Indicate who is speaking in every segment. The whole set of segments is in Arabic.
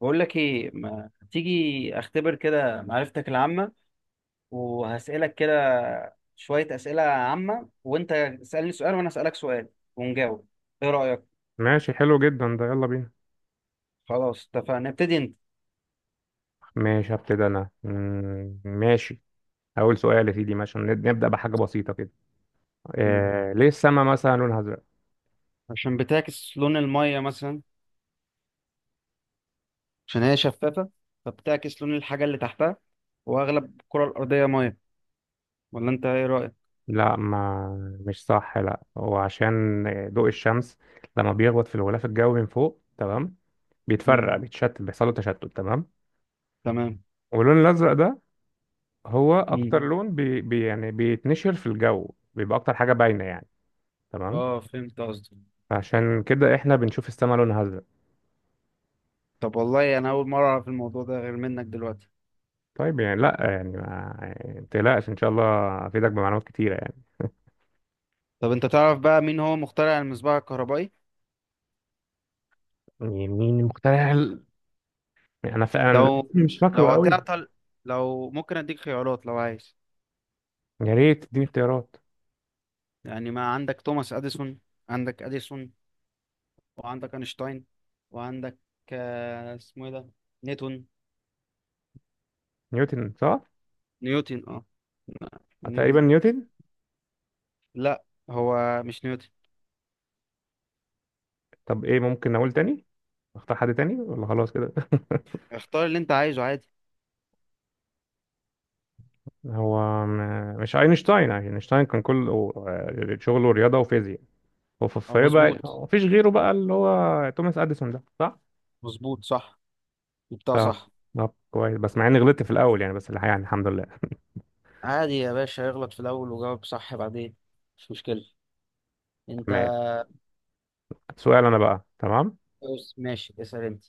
Speaker 1: بقول لك ايه؟ ما تيجي اختبر كده معرفتك العامة، وهسألك كده شوية أسئلة عامة، وانت اسألني سؤال وانا أسألك سؤال ونجاوب. ايه رأيك؟
Speaker 2: ماشي، حلو جدا ده، يلا بينا.
Speaker 1: خلاص، اتفقنا. ابتدي انت.
Speaker 2: ماشي هبتدي انا، ماشي. اول سؤال يا سيدي، ماشي نبدا بحاجه بسيطه كده.
Speaker 1: مم.
Speaker 2: آه، ليه السما مثلا لونها ازرق؟
Speaker 1: عشان بتعكس لون المية مثلا، عشان هي شفافة، فبتعكس لون الحاجة اللي تحتها، واغلب الكرة الأرضية مية. ولا انت ايه رأيك؟
Speaker 2: لا، ما مش صح، لا هو عشان ضوء الشمس لما بيخبط في الغلاف الجوي من فوق، تمام،
Speaker 1: مم.
Speaker 2: بيتفرق، بيتشتت، بيحصل له تشتت، تمام.
Speaker 1: تمام.
Speaker 2: واللون الازرق ده هو
Speaker 1: مم.
Speaker 2: اكتر لون بي يعني بيتنشر في الجو، بيبقى اكتر حاجه باينه يعني. تمام.
Speaker 1: اه، فهمت قصدي.
Speaker 2: عشان كده احنا بنشوف السما لونها ازرق.
Speaker 1: طب والله انا اول مرة اعرف الموضوع ده غير منك دلوقتي.
Speaker 2: طيب يعني لا يعني ما يعني ما تقلقش، ان شاء الله افيدك بمعلومات كتيره يعني.
Speaker 1: طب انت تعرف بقى مين هو مخترع المصباح الكهربائي؟
Speaker 2: يعني مين المخترع انا انا الاسم
Speaker 1: لو
Speaker 2: مش
Speaker 1: لو
Speaker 2: فاكره قوي.
Speaker 1: هتعطل، لو ممكن اديك خيارات لو عايز.
Speaker 2: يا ريت تديني اختيارات.
Speaker 1: يعني ما عندك توماس اديسون، عندك اديسون، وعندك اينشتاين، وعندك اسمه ايه ده، نيوتن.
Speaker 2: نيوتن صح.
Speaker 1: نيوتن اه. لا،
Speaker 2: أه،
Speaker 1: نيوتن.
Speaker 2: تقريبا نيوتن.
Speaker 1: لا، هو مش نيوتن.
Speaker 2: طب ايه، ممكن اقول تاني، اختار حد تاني ولا خلاص كده؟
Speaker 1: اختار اللي انت عايزه عادي.
Speaker 2: هو م... مش اينشتاين يعني. اينشتاين كان كله شغله رياضه وفيزياء. وفي بقى،
Speaker 1: مظبوط،
Speaker 2: مفيش غيره بقى اللي هو توماس اديسون ده صح.
Speaker 1: مظبوط صح، جبتها
Speaker 2: طب،
Speaker 1: صح.
Speaker 2: طب كويس، بس مع اني غلطت في الاول يعني، بس الحقيقه يعني الحمد لله.
Speaker 1: عادي يا باشا، اغلط في الاول وجاوب صح بعدين، مش مشكلة. انت،
Speaker 2: تمام. سؤال انا بقى، تمام.
Speaker 1: بص، ماشي، اسأل انت.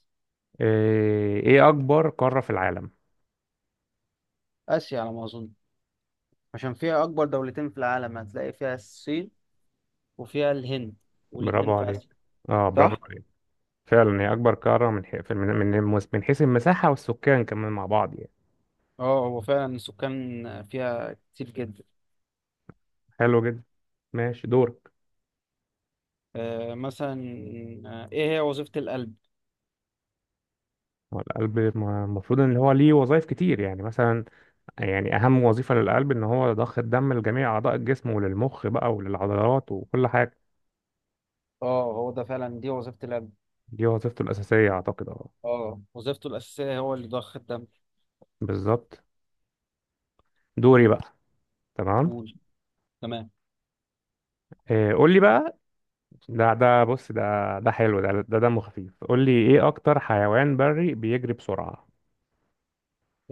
Speaker 2: إيه اكبر قارة في العالم؟
Speaker 1: اسيا على ما اظن، عشان فيها اكبر دولتين في العالم، هتلاقي فيها الصين وفيها الهند والاتنين
Speaker 2: برافو
Speaker 1: في
Speaker 2: عليك،
Speaker 1: آسيا.
Speaker 2: اه برافو
Speaker 1: صح،
Speaker 2: عليك. فعلا هي اكبر قارة، من من حيث المساحة والسكان كمان مع بعض يعني.
Speaker 1: اه هو فعلا السكان فيها كتير جدا.
Speaker 2: حلو جدا، ماشي دورك.
Speaker 1: آه مثلا، ايه هي وظيفة القلب؟
Speaker 2: هو القلب المفروض ان هو ليه وظائف كتير يعني، مثلا يعني اهم وظيفة للقلب ان هو ضخ الدم لجميع اعضاء الجسم وللمخ بقى وللعضلات وكل حاجة.
Speaker 1: اه هو ده فعلا دي وظيفة القلب.
Speaker 2: دي وظيفته الاساسية اعتقد، اه.
Speaker 1: اه وظيفته الأساسية هو اللي ضخ الدم.
Speaker 2: بالظبط، دوري بقى. تمام.
Speaker 1: قول. تمام.
Speaker 2: إيه، قول لي بقى. ده بص ده، ده حلو، ده دمه خفيف. قول لي ايه اكتر حيوان بري بيجري بسرعة؟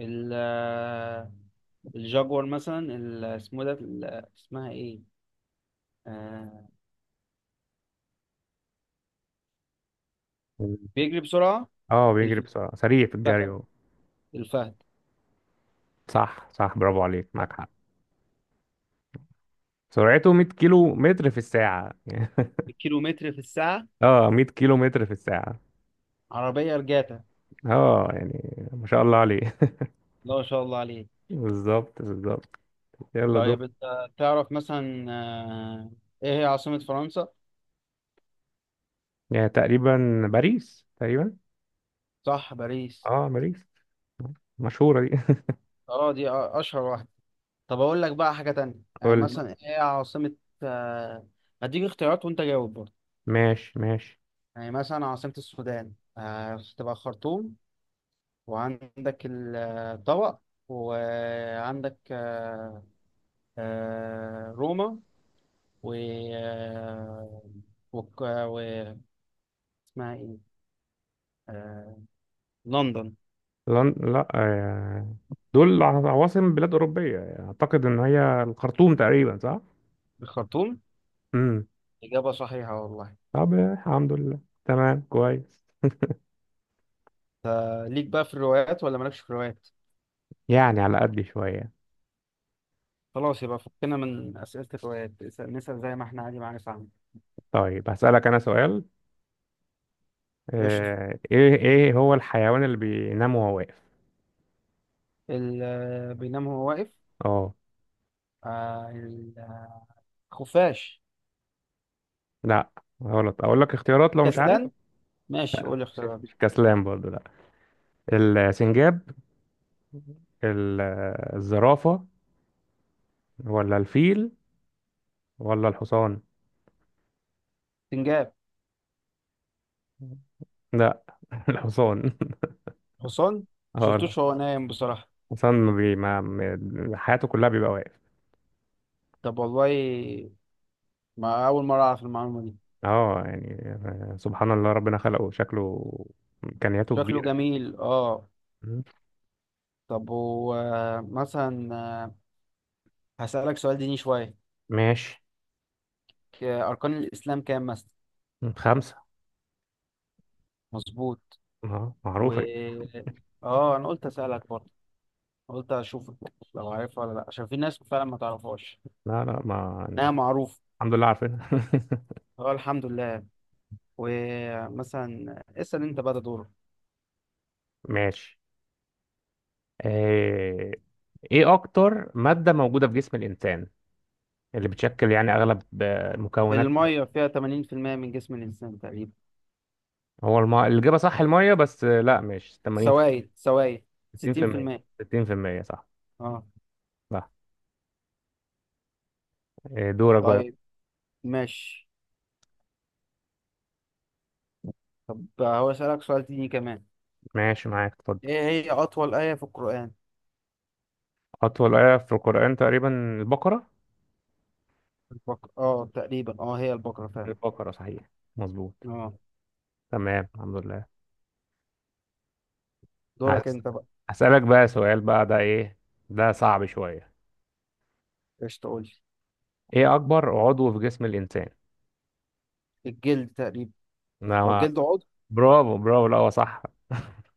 Speaker 1: ال آه، الجاguار مثلا، اسمه ده، اسمها ايه؟ آه،
Speaker 2: مم.
Speaker 1: بيجري بسرعة.
Speaker 2: اه بيجري بسرعة، سريع في
Speaker 1: الفهد،
Speaker 2: الجري هو.
Speaker 1: الفهد.
Speaker 2: صح صح، برافو عليك، معاك حق. سرعته 100 كيلو متر في الساعة.
Speaker 1: الكيلومتر في الساعة.
Speaker 2: اه، 100 كيلو متر في الساعة.
Speaker 1: عربية رجعتها.
Speaker 2: اه، يعني ما شاء الله عليه.
Speaker 1: لا، ما شاء الله عليه.
Speaker 2: بالظبط بالظبط. يلا دول.
Speaker 1: طيب انت تعرف مثلا، ايه هي عاصمة فرنسا؟
Speaker 2: يعني تقريبا باريس، تقريبا.
Speaker 1: صح، باريس.
Speaker 2: اه باريس، مشهورة دي.
Speaker 1: اه دي اشهر واحدة. طب اقول لك بقى حاجة تانية. يعني
Speaker 2: قول لي.
Speaker 1: مثلا ايه هي عاصمة، آه، هديك اختيارات وانت جاوب برضه.
Speaker 2: ماشي ماشي.
Speaker 1: يعني مثلا عاصمة السودان تبقى خرطوم، وعندك الطبق، وعندك روما، و وك- آه، و اسمها ايه؟ آه، لندن.
Speaker 2: لن... لا، آه، دول عواصم بلاد أوروبية يعني، أعتقد إن هي الخرطوم تقريبا، صح؟
Speaker 1: الخرطوم.
Speaker 2: امم.
Speaker 1: إجابة صحيحة والله.
Speaker 2: طب، آه، الحمد لله. تمام كويس.
Speaker 1: ليك بقى في الروايات ولا مالكش في الروايات؟
Speaker 2: يعني على قد شوية.
Speaker 1: خلاص، يبقى فكنا من أسئلة الروايات. نسأل زي ما احنا عادي، معانا، فاهم؟
Speaker 2: طيب هسألك أنا سؤال.
Speaker 1: قشطة.
Speaker 2: آه، إيه هو الحيوان اللي بينام وهو واقف؟
Speaker 1: بينام هو واقف.
Speaker 2: أه.
Speaker 1: آه، ال- آه، خفاش.
Speaker 2: لا غلط، أقول لك اختيارات لو مش عارف.
Speaker 1: كسلان. ماشي، قول لي اختيارات.
Speaker 2: مش كسلان برضه، لا. السنجاب، ال- الزرافة، ولا الفيل، ولا الحصان؟
Speaker 1: سنجاب.
Speaker 2: لا. الحصان.
Speaker 1: حصان.
Speaker 2: اه الحصان.
Speaker 1: مشفتوش وهو نايم بصراحة.
Speaker 2: اصلا ما بي... ما ما- حياته كلها بيبقى واقف.
Speaker 1: طب والله، ما أول مرة أعرف المعلومة دي.
Speaker 2: اه يعني، آه، سبحان الله، ربنا خلقه شكله، امكانياته
Speaker 1: شكله
Speaker 2: كبيره.
Speaker 1: جميل اه.
Speaker 2: مم.
Speaker 1: طب هو مثلا هسألك سؤال ديني شوية.
Speaker 2: ماشي.
Speaker 1: أركان الإسلام كام مثلا؟
Speaker 2: خمسه.
Speaker 1: مظبوط.
Speaker 2: اه
Speaker 1: و
Speaker 2: معروفه دي.
Speaker 1: اه انا قلت اسالك برضه، قلت اشوفك لو عارفها ولا لا، عشان في ناس فعلا ما تعرفهاش.
Speaker 2: لا لا ما.
Speaker 1: انها معروفه.
Speaker 2: الحمد لله عارفينها.
Speaker 1: اه الحمد لله. ومثلا اسال انت بقى، ده دورك.
Speaker 2: ماشي. آه، ايه اكتر ماده موجوده في جسم الانسان، اللي بتشكل يعني اغلب آه، مكونات.
Speaker 1: الميه فيها 80% من جسم الانسان تقريبا.
Speaker 2: الاجابه صح الميه، بس آه، لا مش 80،
Speaker 1: سوائل، سوائل.
Speaker 2: 60%.
Speaker 1: 60%.
Speaker 2: 60% صح،
Speaker 1: اه.
Speaker 2: صح. آه، دورك بقى.
Speaker 1: طيب، ماشي. طب هو اسالك سؤال تاني كمان.
Speaker 2: ماشي معاك، اتفضل.
Speaker 1: ايه هي اطول ايه في القران؟
Speaker 2: أطول آية في القرآن تقريبا البقرة.
Speaker 1: البقره، اه تقريبا، اه هي البقره فعلا.
Speaker 2: البقرة صحيح، مظبوط.
Speaker 1: اه.
Speaker 2: تمام، الحمد لله.
Speaker 1: دورك
Speaker 2: هس-
Speaker 1: انت بقى.
Speaker 2: هسألك بقى سؤال بقى، ده إيه، ده صعب شوية.
Speaker 1: ايش تقول؟
Speaker 2: إيه أكبر عضو في جسم الإنسان؟
Speaker 1: الجلد تقريبا. هو
Speaker 2: أنا.
Speaker 1: الجلد عضو؟
Speaker 2: برافو برافو، لا هو صح.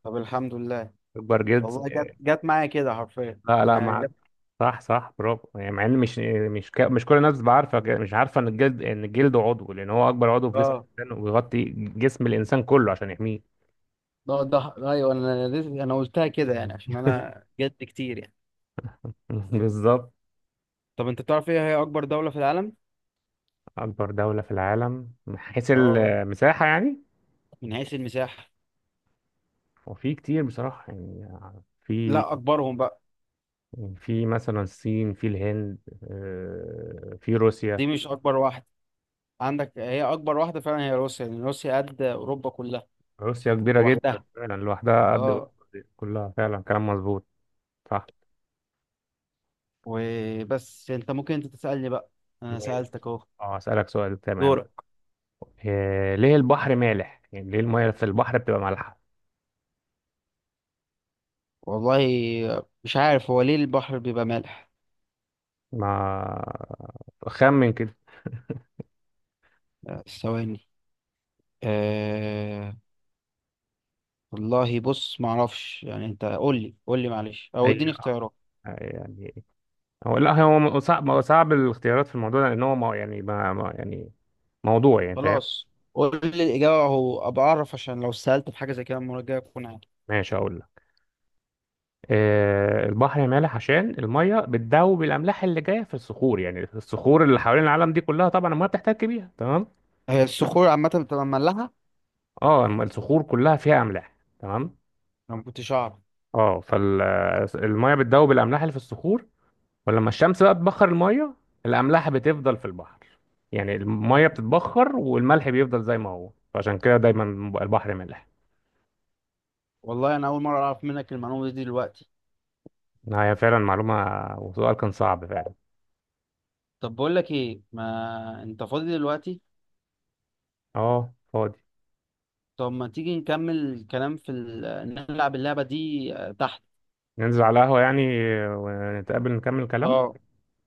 Speaker 1: طب الحمد لله.
Speaker 2: أكبر جزء.
Speaker 1: والله جت معايا كده حرفيا،
Speaker 2: لا لا مع،
Speaker 1: جت.
Speaker 2: صح صح برافو يعني، مع إن مش مش كل الناس بعارفة، مش عارفة إن الجلد، إن الجلد عضو، لأن هو أكبر عضو في جسم
Speaker 1: اه
Speaker 2: الإنسان، وبيغطي جسم الإنسان كله عشان يحميه.
Speaker 1: ده ده ايوه، انا قلتها كده يعني عشان انا جد كتير يعني.
Speaker 2: بالظبط.
Speaker 1: طب انت تعرف ايه هي اكبر دولة في العالم؟
Speaker 2: أكبر دولة في العالم من حيث
Speaker 1: اه،
Speaker 2: المساحة يعني.
Speaker 1: من حيث المساحة.
Speaker 2: وفي كتير بصراحة، يعني في،
Speaker 1: لا، اكبرهم بقى.
Speaker 2: يعني في مثلا الصين، في الهند، آه، في روسيا.
Speaker 1: دي مش اكبر واحدة، عندك هي اكبر واحدة فعلا، هي روسيا، لان روسيا قد اوروبا كلها
Speaker 2: روسيا كبيرة جدا
Speaker 1: لوحدها.
Speaker 2: فعلا، لوحدها قد
Speaker 1: اه.
Speaker 2: أوروبا كلها، فعلا كلام مظبوط، صح.
Speaker 1: وبس، انت ممكن انت تسألني بقى، انا
Speaker 2: مية.
Speaker 1: سألتك اهو.
Speaker 2: اه أسألك سؤال، تمام.
Speaker 1: دورك.
Speaker 2: آه، ليه البحر مالح؟ يعني ليه المياه في البحر بتبقى مالحة؟
Speaker 1: والله مش عارف هو ليه البحر بيبقى مالح.
Speaker 2: ما، خمن كده.
Speaker 1: ثواني. أه... والله بص معرفش، يعني انت قول لي، قول لي معلش، او
Speaker 2: هي
Speaker 1: اديني اختيارات.
Speaker 2: آه، يعني هو، لا هو صعب، هو صعب الاختيارات في الموضوع ده، لأن هو يعني موضوع يعني، فاهم؟
Speaker 1: خلاص، قول لي الإجابة أهو أبقى أعرف، عشان لو سألت في حاجة زي كده المرة الجاية أكون عارف.
Speaker 2: ماشي أقول. آه، البحر مالح عشان الميه بتذوب الاملاح اللي جايه في الصخور، يعني الصخور اللي حوالين العالم دي كلها طبعا الميه بتحتك بيها، تمام.
Speaker 1: هي الصخور عامة بتبقى مملحة؟
Speaker 2: اه الصخور كلها فيها املاح، تمام.
Speaker 1: أنا ما كنتش أعرف.
Speaker 2: اه فالميه بتذوب الاملاح اللي في الصخور، ولما الشمس بقى بتبخر الميه، الاملاح بتفضل في البحر، يعني الميه بتتبخر والملح بيفضل زي ما هو، فعشان كده دايما البحر مالح.
Speaker 1: والله أنا أول مرة أعرف منك المعلومة دي دلوقتي.
Speaker 2: آه، هي فعلا معلومه، وسؤال كان صعب فعلا.
Speaker 1: طب بقول لك إيه؟ ما أنت فاضي دلوقتي؟
Speaker 2: اه فاضي.
Speaker 1: طب ما تيجي نكمل الكلام في نلعب اللعبة دي تحت.
Speaker 2: ننزل على قهوه يعني، ونتقابل نكمل كلام.
Speaker 1: أه،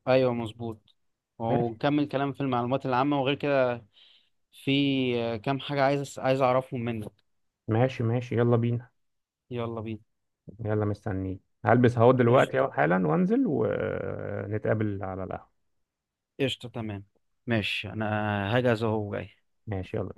Speaker 1: أيوه مظبوط. ونكمل كلام في المعلومات العامة وغير كده. في كام حاجة عايز عايز أعرفهم منك.
Speaker 2: ماشي ماشي يلا بينا.
Speaker 1: يلا بينا.
Speaker 2: يلا مستنيك، هلبس اهو دلوقتي اهو
Speaker 1: قشطة،
Speaker 2: حالا، وانزل ونتقابل على القهوة.
Speaker 1: قشطة، تمام. ماشي، أنا هجهز أهو جاي.
Speaker 2: ماشي يلا.